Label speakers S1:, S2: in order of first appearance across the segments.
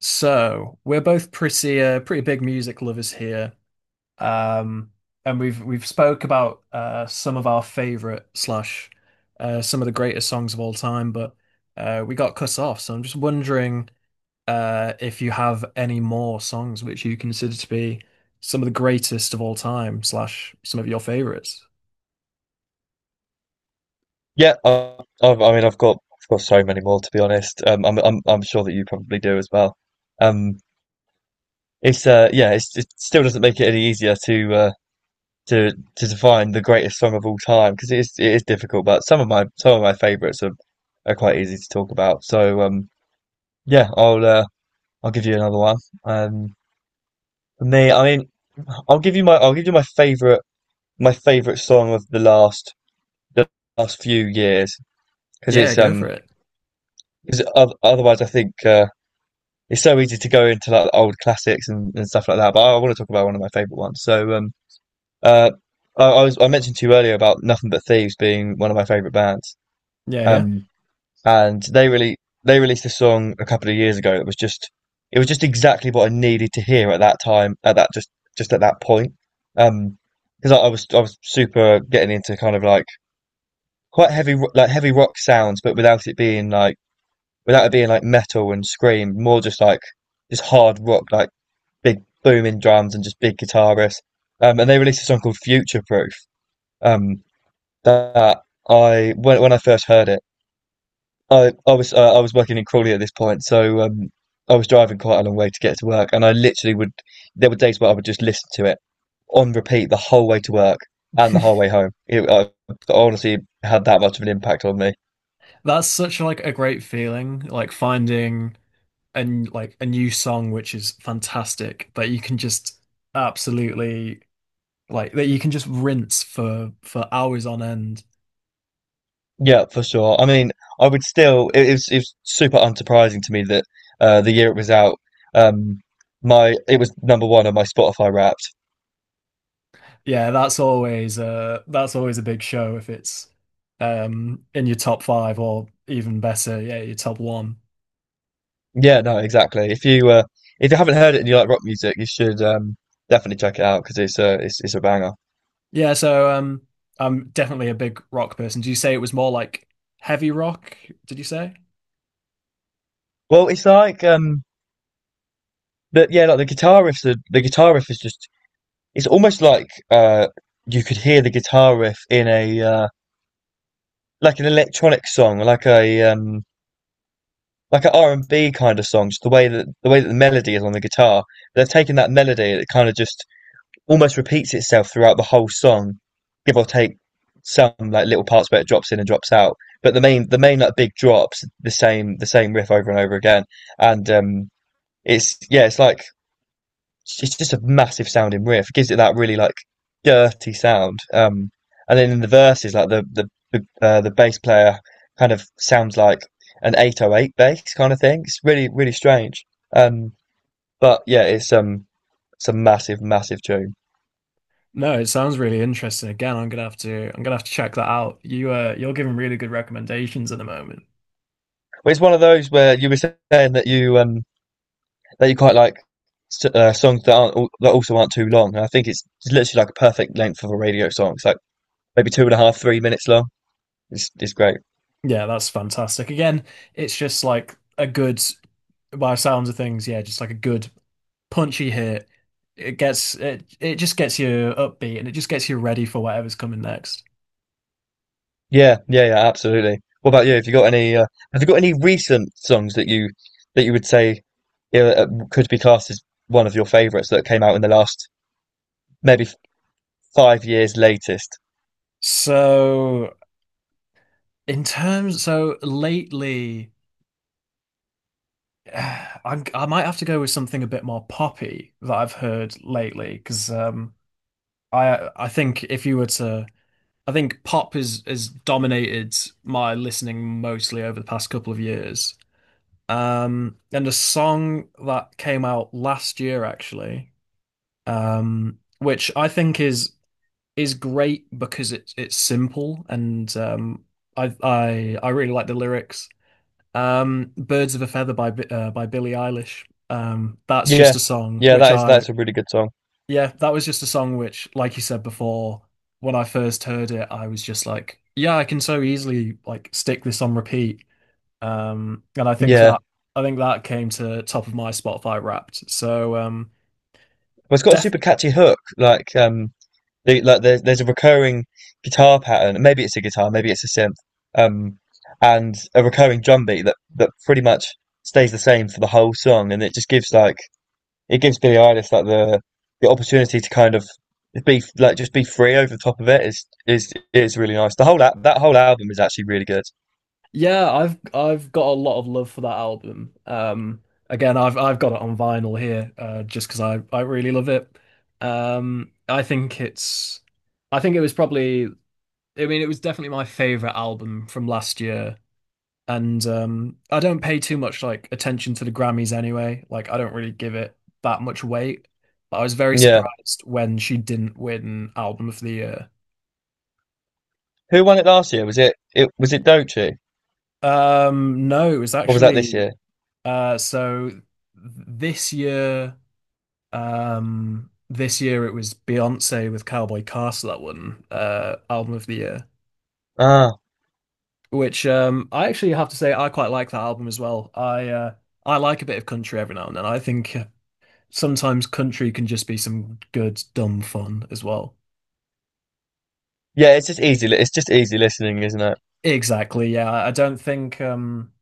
S1: So we're both pretty pretty big music lovers here, um, and we've spoke about some of our favorite slash some of the greatest songs of all time, but we got cut off. So I'm just wondering if you have any more songs which you consider to be some of the greatest of all time slash some of your favorites.
S2: Yeah, I mean, I've got so many more to be honest. I'm sure that you probably do as well. Um, it's, yeah, it still doesn't make it any easier to, to define the greatest song of all time because it is difficult. But some of my favourites are quite easy to talk about. So, yeah, I'll give you another one. Um, for me, I mean, I'll give you my favourite, my favourite song of the last few years because
S1: Yeah,
S2: it's,
S1: go for
S2: um,
S1: it.
S2: because otherwise, I think. It's so easy to go into like old classics and stuff like that. But I want to talk about one of my favorite ones. So, uh, I mentioned to you earlier about Nothing But Thieves being one of my favorite bands.
S1: Yeah,
S2: Um, and they released a song a couple of years ago that was just it was just exactly what I needed to hear at that time, at that point. Um, because I was super getting into kind of like quite like heavy rock sounds, but without it being like metal and scream, more just like just hard rock, like big booming drums and just big guitarists. And they released a song called Future Proof. Um, that I When I first heard it, I was working in Crawley at this point, so I was driving quite a long way to get to work, and I literally would. There were days where I would just listen to it on repeat the whole way to work and
S1: yeah.
S2: the whole way home. I honestly had that much of an impact on me.
S1: That's such like a great feeling, like finding, and like a new song which is fantastic that you can just absolutely like that you can just rinse for hours on end.
S2: Yeah, for sure. I mean, I would still. It was super unsurprising to me that the year it was out, um, my it was number one on my Spotify Wrapped.
S1: Yeah, that's always a big show if it's in your top five or even better, yeah, your top one.
S2: Yeah, no, exactly. If you haven't heard it and you like rock music, you should definitely check it out because it's a banger.
S1: Yeah, so I'm definitely a big rock person. Do you say it was more like heavy rock, did you say?
S2: Well, it's like but yeah, like the guitar riffs. The guitar riff is just. It's almost like you could hear the guitar riff in a like an electronic song, like a like an R&B kind of songs. The way that the melody is on the guitar, they've taken that melody that kind of just almost repeats itself throughout the whole song, give or take some like little parts where it drops in and drops out. But the main like big drops the same riff over and over again, and it's, yeah, it's just a massive sounding riff. It gives it that really like dirty sound. And then in the verses, like the bass player kind of sounds like an 808 bass kind of thing. It's really really strange. Um, but yeah, it's a massive massive tune.
S1: No, it sounds really interesting. Again, I'm gonna have to check that out. You you're giving really good recommendations at the moment.
S2: But it's one of those where you were saying that you that you quite like songs that aren't that also aren't too long. And I think it's literally like a perfect length of a radio song. It's like maybe two and a half 3 minutes long. It's great.
S1: Yeah, that's fantastic. Again, it's just like a good, by sounds of things, yeah, just like a good punchy hit. It just gets you upbeat and it just gets you ready for whatever's coming next.
S2: Yeah, yeah, yeah, absolutely. What about you? Have you got any? Have you got any recent songs that you would say could be classed as one of your favorites that came out in the last maybe 5 years latest?
S1: So so lately, I might have to go with something a bit more poppy that I've heard lately because um, I think if you were to I think pop is dominated my listening mostly over the past couple of years. And a song that came out last year actually, which I think is great because it's simple and um, I really like the lyrics. Birds of a Feather by by Billie Eilish. That's just
S2: Yeah,
S1: a song
S2: yeah,
S1: which
S2: that is
S1: I,
S2: that's a really good song.
S1: yeah, that was just a song which, like you said before, when I first heard it, I was just like, yeah, I can so easily like stick this on repeat. And
S2: Yeah, well,
S1: I think that came to top of my Spotify Wrapped. So
S2: it's got a
S1: def
S2: super catchy hook. Like, there's a recurring guitar pattern. Maybe it's a guitar, maybe it's a synth, um, and a recurring drum beat that pretty much stays the same for the whole song, and it just gives like it gives Billy Eilish like the opportunity to kind of be like just be free over the top of it is really nice. That whole album is actually really good.
S1: Yeah, I've got a lot of love for that album. Again, I've got it on vinyl here, just because I really love it. Um, I think it's I think it was probably, I mean it was definitely my favorite album from last year. And I don't pay too much like attention to the Grammys anyway. Like I don't really give it that much weight. But I was very
S2: Yeah.
S1: surprised when she didn't win Album of the Year.
S2: Who won it last year? Was it Dochi
S1: No, it was
S2: or was that this
S1: actually,
S2: year?
S1: uh, so th- this year. This year it was Beyonce with Cowboy Castle that won Album of the Year,
S2: Ah,
S1: which I actually have to say I quite like that album as well. I like a bit of country every now and then. I think sometimes country can just be some good dumb fun as well.
S2: yeah. It's just easy listening, isn't it?
S1: Exactly, yeah.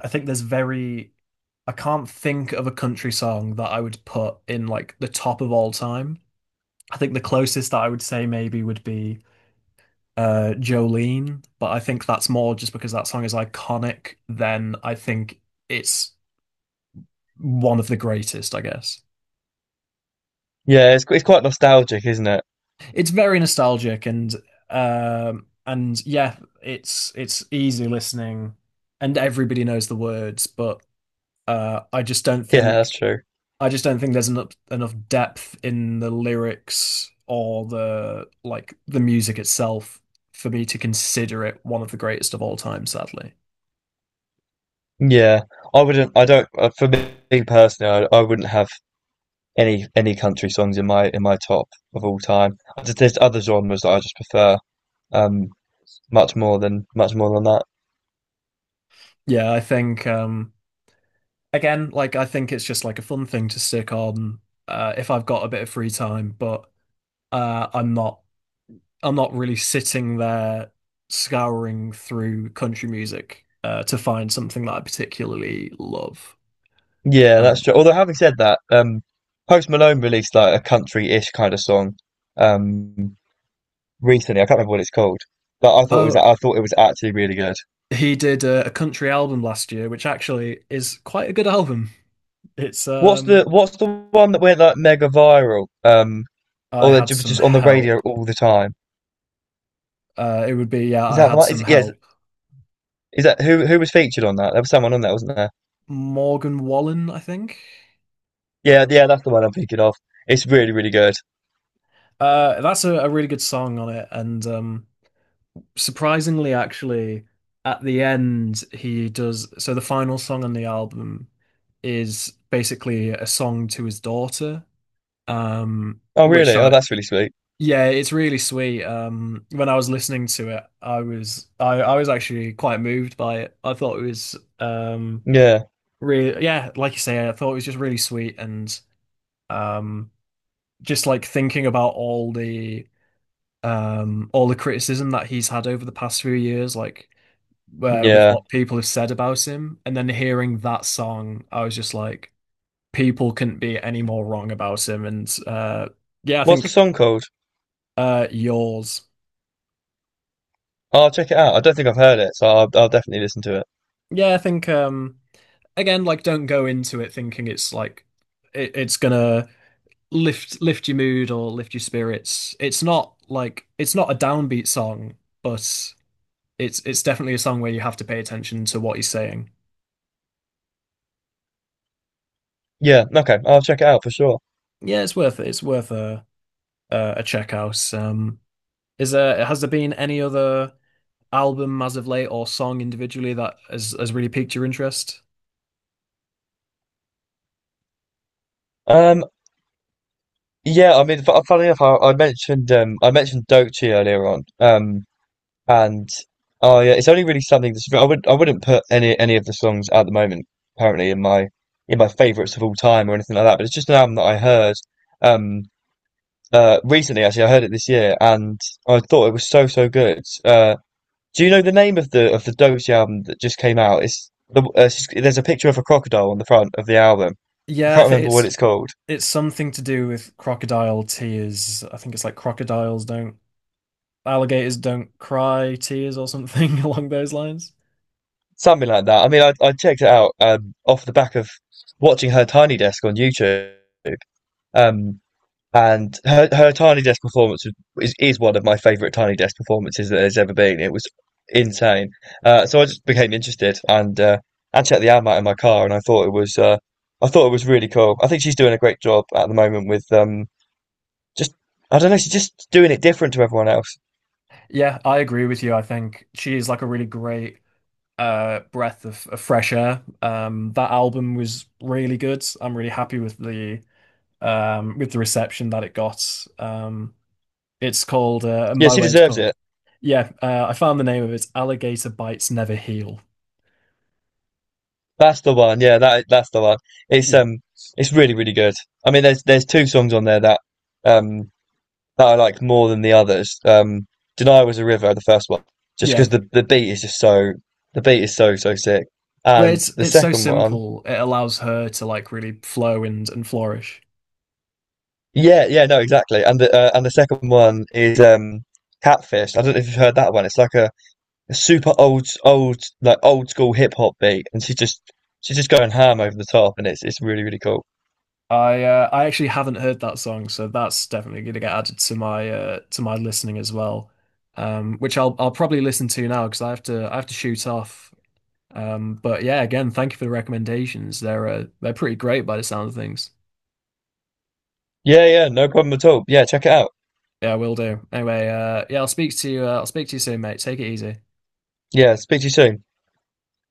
S1: I think there's very, I can't think of a country song that I would put in like the top of all time. I think the closest that I would say maybe would be Jolene, but I think that's more just because that song is iconic than I think it's one of the greatest, I guess.
S2: Yeah. It's quite nostalgic, isn't it?
S1: It's very nostalgic and yeah, it's easy listening and everybody knows the words, but uh I just don't
S2: Yeah, that's
S1: think
S2: true.
S1: I just don't think there's enough depth in the lyrics or the like the music itself for me to consider it one of the greatest of all time, sadly.
S2: Yeah. I wouldn't. I don't. For me personally, I wouldn't have any country songs in my top of all time. There's other genres that I just prefer. Um, much more than that.
S1: Yeah, I think again, like I think it's just like a fun thing to stick on if I've got a bit of free time, but uh I'm not I'm not really sitting there scouring through country music to find something that I particularly love.
S2: Yeah, that's
S1: Um,
S2: true. Although having said that, Post Malone released like a country-ish kind of song um recently. I can't remember what it's called, but
S1: oh,
S2: I thought it was actually really good.
S1: he did a country album last year, which actually is quite a good album. It's
S2: What's the what's the one that went like mega viral? Um,
S1: I
S2: or that
S1: had
S2: was
S1: some
S2: just on the radio
S1: help.
S2: all the time?
S1: It would be yeah,
S2: Is
S1: I
S2: that the
S1: had
S2: one?
S1: some
S2: Is yeah, is,
S1: help.
S2: is that who was featured on that? There was someone on that, wasn't there?
S1: Morgan Wallen, I think.
S2: Yeah, yeah, that's the one I'm thinking of. It's really really good.
S1: That's a really good song on it, and surprisingly, actually, at the end, he does. So the final song on the album is basically a song to his daughter, um,
S2: Oh,
S1: which
S2: really? Oh,
S1: I,
S2: that's really sweet.
S1: yeah, it's really sweet. When I was listening to it, I was actually quite moved by it. I thought it was,
S2: Yeah,
S1: really, yeah, like you say, I thought it was just really sweet and, um, just like thinking about all the criticism that he's had over the past few years, like with
S2: yeah.
S1: what people have said about him. And then hearing that song, I was just like, people couldn't be any more wrong about him. And yeah, I
S2: What's the
S1: think,
S2: song called?
S1: yours.
S2: I'll check it out. I don't think I've heard it, so I'll definitely listen to it.
S1: Yeah, I think again, like, don't go into it thinking it's like it's gonna lift your mood or lift your spirits. It's not like it's not a downbeat song, but it's definitely a song where you have to pay attention to what he's saying.
S2: Yeah, okay, I'll check it out for sure.
S1: Yeah, it's worth it. It's worth a check out. Is there has there been any other album as of late or song individually that has really piqued your interest?
S2: Um, yeah, I mean, funny enough, I mentioned Dochi earlier on, and oh yeah, it's only really something that's I would I wouldn't put any of the songs at the moment apparently in my favorites of all time or anything like that, but it's just an album that I heard um recently. Actually, I heard it this year, and I thought it was so so good. Do you know the name of the Doty album that just came out? There's a picture of a crocodile on the front of the album. I
S1: Yeah, I
S2: can't
S1: think
S2: remember what
S1: it's
S2: it's called.
S1: it's something to do with crocodile tears. I think it's like crocodiles don't alligators don't cry tears or something along those lines.
S2: Something like that. I mean, I checked it out off the back of watching her Tiny Desk on YouTube. Um, and her Tiny Desk performance is one of my favorite Tiny Desk performances that there's ever been. It was insane. So I just became interested and checked the album out in my car, and I thought it was really cool. I think she's doing a great job at the moment with Just I don't know, she's just doing it different to everyone else.
S1: Yeah, I agree with you. I think she is like a really great breath of fresh air. Um, that album was really good. I'm really happy with the reception that it got. Um, it's called, and
S2: Yeah,
S1: by the
S2: she
S1: way, it's
S2: deserves
S1: called,
S2: it.
S1: yeah, I found the name of it. It's Alligator Bites Never Heal.
S2: That's the one. Yeah, that's the one. It's
S1: Yeah,
S2: um, it's really really good. I mean, there's two songs on there um that I like more than the others. "Denial" was a river, the first one, just
S1: yeah.
S2: because the beat is so so sick.
S1: But
S2: And the
S1: it's so
S2: second one,
S1: simple. It allows her to like really flow and flourish.
S2: yeah, yeah, no, exactly. And the second one is Catfish. I don't know if you've heard that one. It's like a super old old like old school hip hop beat, and she's just going ham over the top, and it's really really cool.
S1: I actually haven't heard that song, so that's definitely going to get added to my listening as well. Which I'll probably listen to now because I have to shoot off. But yeah, again, thank you for the recommendations. They're pretty great by the sound of things.
S2: Yeah, yeah, no problem at all. Yeah, check it out.
S1: Yeah, I will do. Anyway, yeah, I'll speak to you soon, mate. Take it easy.
S2: Yeah, speak to you soon.